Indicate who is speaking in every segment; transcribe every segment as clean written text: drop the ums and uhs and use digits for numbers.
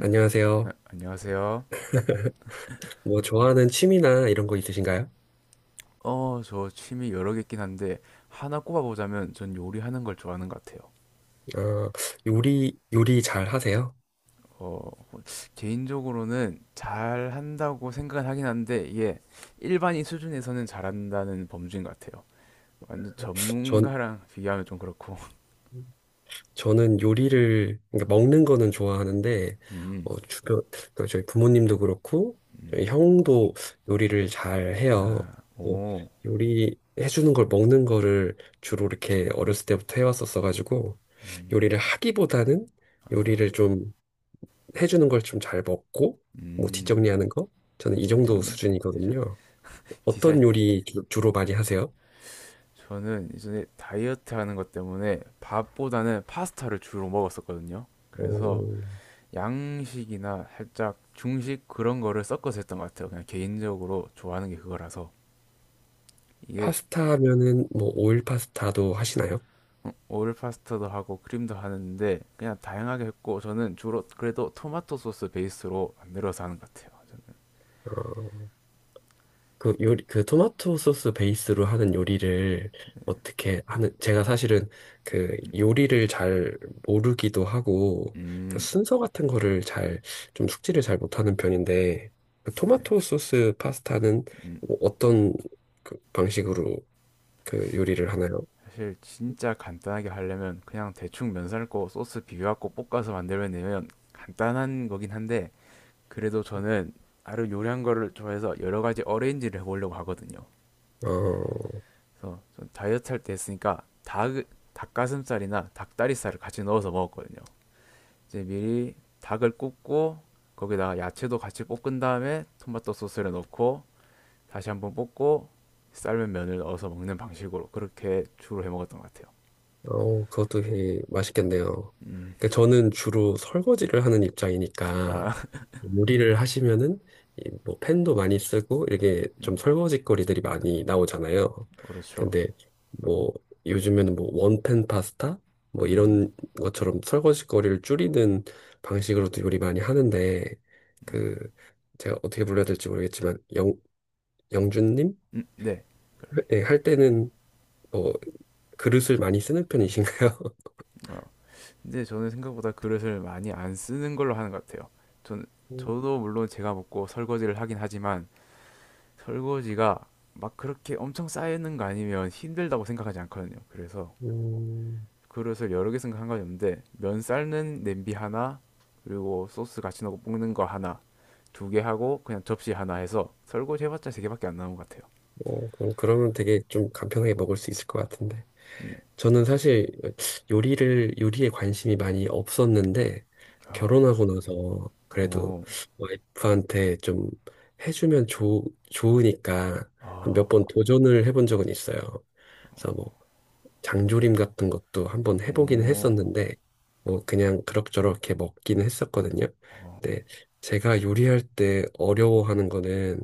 Speaker 1: 안녕하세요.
Speaker 2: 안녕하세요.
Speaker 1: 뭐 좋아하는 취미나 이런 거 있으신가요?
Speaker 2: 어, 저 취미 여러 개 있긴 한데 하나 꼽아보자면 전 요리하는 걸 좋아하는 것 같아요.
Speaker 1: 아, 요리 잘 하세요?
Speaker 2: 어, 개인적으로는 잘한다고 생각은 하긴 한데 이게 일반인 수준에서는 잘한다는 범주인 것 같아요. 완전
Speaker 1: 전
Speaker 2: 전문가랑 비교하면 좀 그렇고.
Speaker 1: 저는 요리를 그러니까 먹는 거는 좋아하는데
Speaker 2: 음.
Speaker 1: 어, 주변 그러니까 저희 부모님도 그렇고 저희 형도 요리를 잘 해요.
Speaker 2: 아.
Speaker 1: 어,
Speaker 2: 오.
Speaker 1: 요리 해주는 걸 먹는 거를 주로 이렇게 어렸을 때부터 해왔었어 가지고 요리를 하기보다는
Speaker 2: 아.
Speaker 1: 요리를 좀 해주는 걸 좀 잘 먹고 뭐
Speaker 2: 음.
Speaker 1: 뒷정리하는 거 저는 이 정도
Speaker 2: 뒷정리? 저-
Speaker 1: 수준이거든요.
Speaker 2: 디살.
Speaker 1: 어떤 요리 주로 많이 하세요?
Speaker 2: 저는 이전에 다이어트 하는 것 때문에 밥보다는 파스타를 주로 먹었었거든요. 그래서
Speaker 1: 어,
Speaker 2: 양식이나 살짝 중식 그런 거를 섞어서 했던 것 같아요. 그냥 개인적으로 좋아하는 게 그거라서. 이게.
Speaker 1: 파스타면은 뭐 오일 파스타도 하시나요?
Speaker 2: 어, 오일 파스타도 하고 크림도 하는데 그냥 다양하게 했고 저는 주로 그래도 토마토 소스 베이스로 만들어서 하는 것 같아요. 저는.
Speaker 1: 어, 그 요리 그 토마토 소스 베이스로 하는 요리를 어떻게 하는 제가 사실은 그 요리를 잘 모르기도 하고 그
Speaker 2: 음.
Speaker 1: 순서 같은 거를 잘 좀 숙지를 잘 못하는 편인데 그 토마토 소스 파스타는
Speaker 2: 음.
Speaker 1: 뭐 어떤 그 방식으로 그 요리를 하나요?
Speaker 2: 사실 진짜 간단하게 하려면 그냥 대충 면 삶고 소스 비벼갖고 볶아서 만들면 되면 간단한 거긴 한데 그래도 저는 나름 요리한 거를 좋아해서 여러 가지 어레인지를 해보려고 하거든요.
Speaker 1: 어,
Speaker 2: 그래서 다이어트 할 때 했으니까 닭가슴살이나 닭다리살을 같이 넣어서 먹었거든요. 이제 미리 닭을 굽고 거기다가 야채도 같이 볶은 다음에 토마토 소스를 넣고 다시 한번 볶고 삶은 면을 넣어서 먹는 방식으로 그렇게 주로 해 먹었던 것 같아요.
Speaker 1: 어, 그것도 되게 맛있겠네요.
Speaker 2: 음.
Speaker 1: 그러니까 저는 주로 설거지를 하는 입장이니까
Speaker 2: 아.
Speaker 1: 요리를 하시면은 이뭐 팬도 많이 쓰고 이렇게
Speaker 2: 음.
Speaker 1: 좀 설거지거리들이 많이 나오잖아요.
Speaker 2: 그렇죠.
Speaker 1: 근데 뭐 요즘에는 뭐 원팬 파스타 뭐
Speaker 2: 음.
Speaker 1: 이런 것처럼 설거지거리를 줄이는 방식으로도 요리 많이 하는데
Speaker 2: 음.
Speaker 1: 그 제가 어떻게 불러야 될지 모르겠지만 영 영준님?
Speaker 2: 음. 네. 그.
Speaker 1: 네, 할 때는 뭐 그릇을 많이 쓰는 편이신가요?
Speaker 2: 어. 근데 저는 생각보다 그릇을 많이 안 쓰는 걸로 하는 것 같아요. 전, 저도 물론 제가 먹고 설거지를 하긴 하지만 설거지가 막 그렇게 엄청 쌓이는 거 아니면 힘들다고 생각하지 않거든요. 그래서
Speaker 1: 음,
Speaker 2: 그릇을 여러 개 생각한 건 없는데 면 삶는 냄비 하나 그리고 소스 같이 넣고 볶는 거 하나 두 개 하고 그냥 접시 하나 해서 설거지 해봤자 세 개밖에 안 나온 것 같아요.
Speaker 1: 어, 그럼 그러면 되게 좀 간편하게 먹을 수 있을 것 같은데.
Speaker 2: 네.
Speaker 1: 저는 사실 요리에 관심이 많이 없었는데,
Speaker 2: 아.
Speaker 1: 결혼하고 나서 그래도
Speaker 2: 오.
Speaker 1: 와이프한테 좀 해주면 좋으니까
Speaker 2: 아.
Speaker 1: 몇 번 도전을 해본 적은 있어요. 그래서 뭐, 장조림 같은 것도 한번 해보긴
Speaker 2: 오.
Speaker 1: 했었는데, 뭐, 그냥 그럭저럭 이렇게 먹긴 했었거든요.
Speaker 2: 어.
Speaker 1: 근데 제가 요리할 때 어려워하는 거는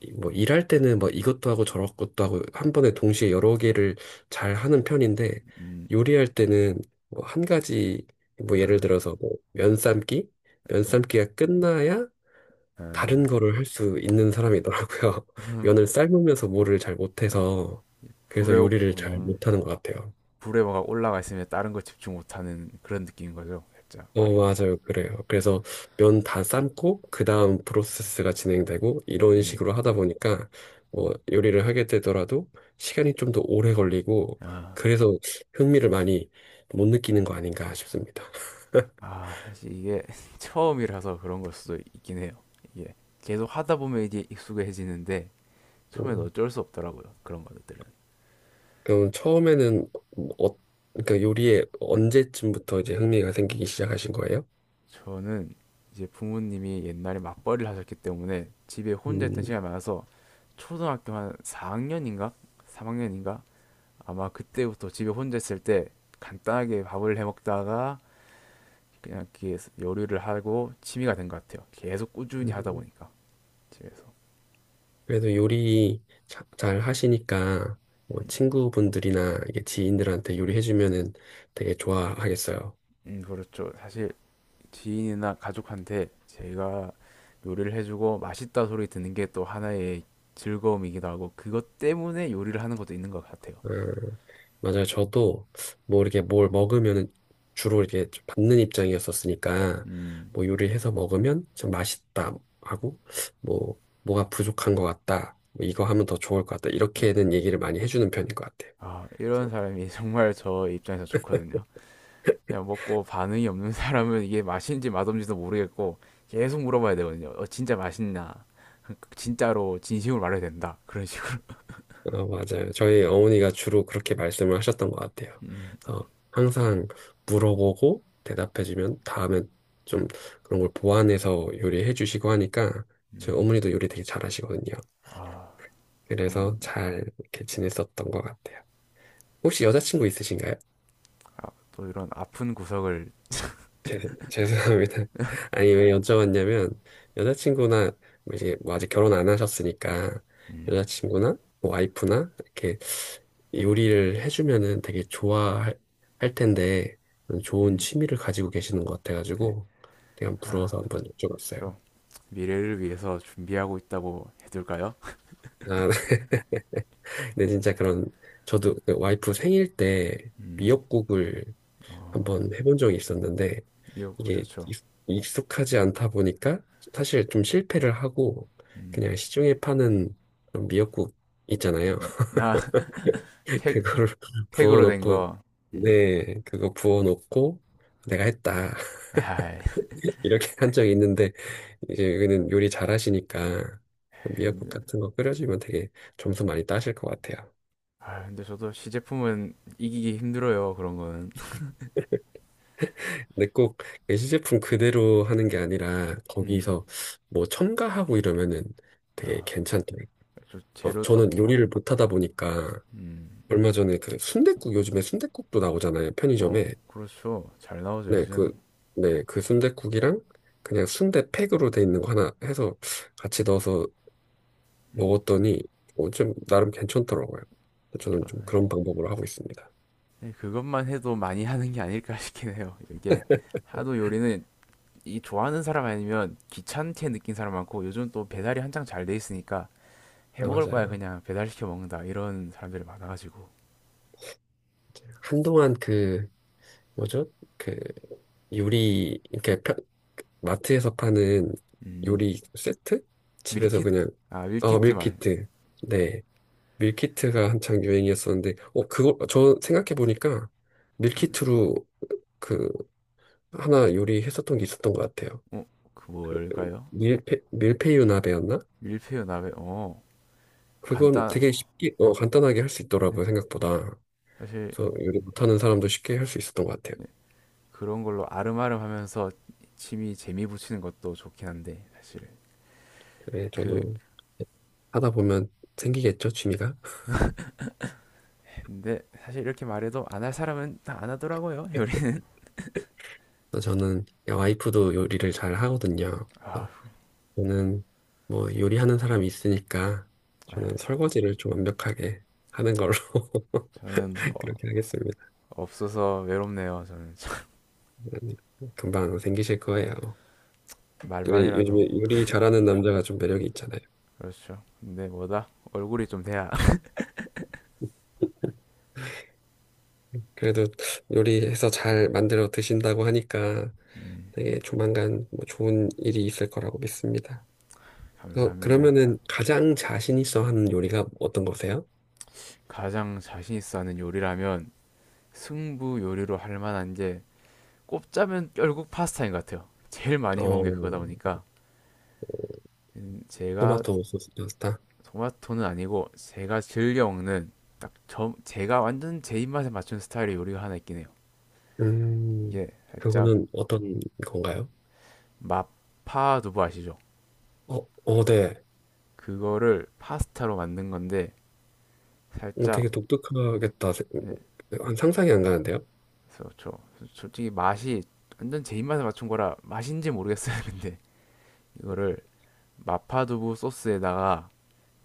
Speaker 1: 뭐 일할 때는 뭐 이것도 하고 저것도 하고 한 번에 동시에 여러 개를 잘 하는 편인데
Speaker 2: 음.
Speaker 1: 요리할 때는 뭐 한 가지 뭐 예를
Speaker 2: 아.
Speaker 1: 들어서 뭐 면삶기
Speaker 2: 동,
Speaker 1: 면삶기가 끝나야 다른
Speaker 2: 아.
Speaker 1: 거를 할 수 있는 사람이더라고요. 면을 삶으면서 뭐를 잘
Speaker 2: 저
Speaker 1: 못해서 그래서
Speaker 2: 불에 오-
Speaker 1: 요리를 잘
Speaker 2: 음,
Speaker 1: 못하는 것 같아요.
Speaker 2: 불에 뭐가 올라가 있으면 다른 거 집중 못하는 그런 느낌인 거죠, 살짝.
Speaker 1: 어, 맞아요. 그래요. 그래서 면 다 삶고, 그 다음 프로세스가 진행되고, 이런
Speaker 2: 음.
Speaker 1: 식으로 하다 보니까, 뭐, 요리를 하게 되더라도 시간이 좀 더 오래 걸리고,
Speaker 2: 아.
Speaker 1: 그래서 흥미를 많이 못 느끼는 거 아닌가 싶습니다.
Speaker 2: 아, 사실 이게 처음이라서 그런 걸 수도 있긴 해요. 이게 계속 하다 보면 이제 익숙해지는데 처음엔
Speaker 1: 음,
Speaker 2: 어쩔 수 없더라고요. 그런 것들은.
Speaker 1: 그럼 처음에는, 어, 그러니까 요리에 언제쯤부터 이제 흥미가 생기기 시작하신 거예요?
Speaker 2: 저는 이제 부모님이 옛날에 맞벌이를 하셨기 때문에 집에 혼자 있던
Speaker 1: 음,
Speaker 2: 시간이 많아서 초등학교 한 4학년인가? 3학년인가? 아마 그때부터 집에 혼자 있을 때 간단하게 밥을 해 먹다가 그냥 이렇게 요리를 하고 취미가 된 것 같아요. 계속 꾸준히 하다
Speaker 1: 음.
Speaker 2: 보니까 집에서.
Speaker 1: 그래도 요리 잘 하시니까, 뭐 친구분들이나 이게 지인들한테 요리해주면은 되게 좋아하겠어요.
Speaker 2: 음. 그렇죠. 사실 지인이나 가족한테 제가 요리를 해주고 맛있다 소리 듣는 게 또 하나의 즐거움이기도 하고 그것 때문에 요리를 하는 것도 있는 것 같아요.
Speaker 1: 음, 맞아요. 저도 뭐 이렇게 뭘 먹으면 주로 이렇게 좀 받는 입장이었었으니까
Speaker 2: 음.
Speaker 1: 뭐 요리해서 먹으면 참 맛있다 하고 뭐 뭐가 부족한 것 같다. 뭐 이거 하면 더 좋을 것 같다.
Speaker 2: 음.
Speaker 1: 이렇게는 얘기를 많이 해주는 편인 것 같아요.
Speaker 2: 아, 이런 사람이 정말 저 입장에서 좋거든요. 그냥 먹고 반응이 없는 사람은 이게 맛있는지 맛없는지도 모르겠고 계속 물어봐야 되거든요. 어, 진짜 맛있나? 진짜로 진심으로 말해야 된다. 그런 식으로.
Speaker 1: 어, 맞아요. 저희 어머니가 주로 그렇게 말씀을 하셨던 것 같아요.
Speaker 2: 음.
Speaker 1: 그래서 항상 물어보고 대답해주면 다음엔 좀 그런 걸 보완해서 요리해 주시고 하니까 저희
Speaker 2: 음.
Speaker 1: 어머니도 요리 되게 잘하시거든요.
Speaker 2: 아.
Speaker 1: 그래서
Speaker 2: 어머님도.
Speaker 1: 잘 이렇게 지냈었던 것 같아요. 혹시 여자친구 있으신가요?
Speaker 2: 아, 또 이런 아픈 구석을.
Speaker 1: 죄 죄송합니다. 아니, 왜 여쭤봤냐면, 여자친구나, 뭐 이제 뭐 아직 결혼 안 하셨으니까,
Speaker 2: 음.
Speaker 1: 여자친구나, 뭐 와이프나, 이렇게 요리를 해주면은 되게 좋아할 할 텐데, 좋은
Speaker 2: 음.
Speaker 1: 취미를 가지고 계시는 것
Speaker 2: 네.
Speaker 1: 같아가지고, 되게 한번
Speaker 2: 아,
Speaker 1: 부러워서 한번 여쭤봤어요.
Speaker 2: 좀 미래를 위해서 준비하고 있다고 해둘까요?
Speaker 1: 아, 근데 진짜 그런, 저도 그 와이프 생일 때
Speaker 2: 음.
Speaker 1: 미역국을
Speaker 2: 어.
Speaker 1: 한번 해본 적이 있었는데,
Speaker 2: 미역국
Speaker 1: 이게
Speaker 2: 좋죠.
Speaker 1: 익숙하지 않다 보니까 사실 좀 실패를 하고
Speaker 2: 음.
Speaker 1: 그냥 시중에 파는 그런 미역국 있잖아요.
Speaker 2: 음. 팩, 팩,
Speaker 1: 그거를
Speaker 2: 팩으로 된
Speaker 1: 부어놓고
Speaker 2: 거. 음.
Speaker 1: 네 그거 부어놓고 내가 했다
Speaker 2: 아,
Speaker 1: 이렇게 한 적이 있는데 이제 여기는 요리 잘하시니까 그 미역국
Speaker 2: 근데,
Speaker 1: 같은 거 끓여주면 되게 점수 많이 따실 것 같아요.
Speaker 2: 아, 근데 저도 시제품은 이기기 힘들어요. 그런 거는.
Speaker 1: 근데 꼭 예시제품 그대로 하는 게 아니라
Speaker 2: 음.
Speaker 1: 거기서 뭐 첨가하고 이러면은 되게
Speaker 2: 아.
Speaker 1: 괜찮더라고요.
Speaker 2: 저
Speaker 1: 어,
Speaker 2: 재료 쪽.
Speaker 1: 저는 요리를 못하다 보니까
Speaker 2: 음.
Speaker 1: 얼마 전에 그 순댓국 요즘에 순댓국도 나오잖아요
Speaker 2: 어,
Speaker 1: 편의점에
Speaker 2: 그렇죠. 잘 나오죠,
Speaker 1: 네
Speaker 2: 요즘.
Speaker 1: 그 네 그 순댓국이랑 그냥 순대팩으로 돼 있는 거 하나 해서 같이 넣어서
Speaker 2: 음.
Speaker 1: 먹었더니 어, 좀 나름 괜찮더라고요.
Speaker 2: 저
Speaker 1: 저는 좀
Speaker 2: 사실.
Speaker 1: 그런 방법으로 하고 있습니다.
Speaker 2: 네, 그것만 해도 많이 하는 게 아닐까 싶긴 해요. 이게 하도 요리는 이 좋아하는 사람 아니면 귀찮게 느낀 사람 많고 요즘 또 배달이 한창 잘 돼 있으니까
Speaker 1: 아
Speaker 2: 해먹을 바에
Speaker 1: 맞아요.
Speaker 2: 그냥 배달시켜 먹는다 이런 사람들이 많아가지고.
Speaker 1: 이제 한동안 그 뭐죠 그 요리 이렇게 마트에서 파는
Speaker 2: 음.
Speaker 1: 요리 세트 집에서
Speaker 2: 밀키트.
Speaker 1: 그냥
Speaker 2: 아,
Speaker 1: 어
Speaker 2: 밀키트 말어그.
Speaker 1: 밀키트 네 밀키트가 한창 유행이었었는데, 어, 그거, 저 생각해보니까 밀키트로 그 하나 요리했었던 게 있었던 것 같아요.
Speaker 2: 뭘까요?
Speaker 1: 밀푀유 나베였나?
Speaker 2: 밀푀유 나베. 어.
Speaker 1: 그건
Speaker 2: 간단.
Speaker 1: 되게 쉽게, 어, 간단하게 할 수 있더라고요, 생각보다.
Speaker 2: 사실.
Speaker 1: 그래서 요리 못하는 사람도 쉽게 할 수 있었던 것 같아요.
Speaker 2: 그런 걸로 아름아름 하면서 취미 재미 붙이는 것도 좋긴 한데 사실.
Speaker 1: 그래,
Speaker 2: 그.
Speaker 1: 저도 하다 보면 생기겠죠, 취미가?
Speaker 2: 근데 사실 이렇게 말해도 안 할 사람은 다 안 하더라고요, 요리는.
Speaker 1: 그래서 저는, 야, 와이프도 요리를 잘 하거든요.
Speaker 2: 아.
Speaker 1: 그래서 저는 뭐 요리하는 사람이 있으니까 저는 설거지를 좀 완벽하게 하는 걸로.
Speaker 2: 저는. 어,
Speaker 1: 그렇게 하겠습니다.
Speaker 2: 없어서 외롭네요, 저는.
Speaker 1: 그러니까 금방 생기실 거예요. 왜
Speaker 2: 말만이라도.
Speaker 1: 요즘에 요리 잘하는 남자가 좀 매력이 있잖아요.
Speaker 2: 그렇죠. 근데 뭐다 얼굴이 좀 돼야.
Speaker 1: 그래도 요리해서 잘 만들어 드신다고 하니까
Speaker 2: 음.
Speaker 1: 되게 조만간 뭐 좋은 일이 있을 거라고 믿습니다. 어,
Speaker 2: 감사합니다.
Speaker 1: 그러면은 가장 자신 있어 하는 요리가 어떤 거세요?
Speaker 2: 가장 자신 있어 하는 요리라면 승부 요리로 할 만한 게 꼽자면 결국 파스타인 것 같아요. 제일 많이 해먹은 게
Speaker 1: 어,
Speaker 2: 그거다 보니까. 음. 제가.
Speaker 1: 토마토 소스 파스타.
Speaker 2: 토마토는 아니고 제가 즐겨 먹는 딱 저 제가 완전 제 입맛에 맞춘 스타일의 요리가 하나 있긴 해요.
Speaker 1: 음,
Speaker 2: 이게 살짝.
Speaker 1: 그거는 어떤 건가요?
Speaker 2: 마파 두부 아시죠?
Speaker 1: 어, 어, 네.
Speaker 2: 그거를 파스타로 만든 건데
Speaker 1: 어,
Speaker 2: 살짝.
Speaker 1: 되게 독특하겠다. 상상이 안 가는데요?
Speaker 2: 그래서 저 솔직히 맛이 완전 제 입맛에 맞춘 거라 맛인지 모르겠어요. 근데 이거를 마파두부 소스에다가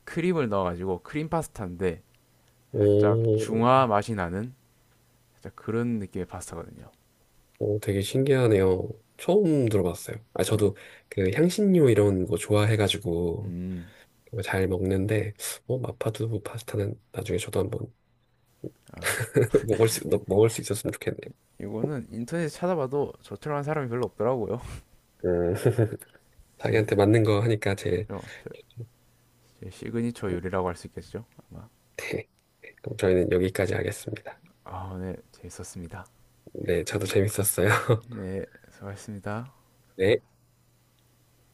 Speaker 2: 크림을 넣어가지고 크림 파스타인데 살짝
Speaker 1: 오,
Speaker 2: 중화 맛이 나는 살짝 그런 느낌의 파스타거든요.
Speaker 1: 오, 되게 신기하네요. 처음 들어봤어요. 아,
Speaker 2: 네.
Speaker 1: 저도 그 향신료 이런 거 좋아해가지고
Speaker 2: 음.
Speaker 1: 잘 먹는데, 어, 마파두부 파스타는 나중에 저도 한번
Speaker 2: 아,
Speaker 1: 먹을 수 있었으면 좋겠네요.
Speaker 2: 이거는 인터넷에 찾아봐도 저처럼 한 사람이 별로 없더라고요.
Speaker 1: 음,
Speaker 2: 사실.
Speaker 1: 자기한테 맞는 거 하니까 제,
Speaker 2: 어, 저- 제 시그니처 요리라고 할 수 있겠죠? 아마.
Speaker 1: 네. 그럼 저희는 여기까지 하겠습니다.
Speaker 2: 아, 네, 재밌었습니다.
Speaker 1: 네, 저도 재밌었어요.
Speaker 2: 네, 수고하셨습니다.
Speaker 1: 네.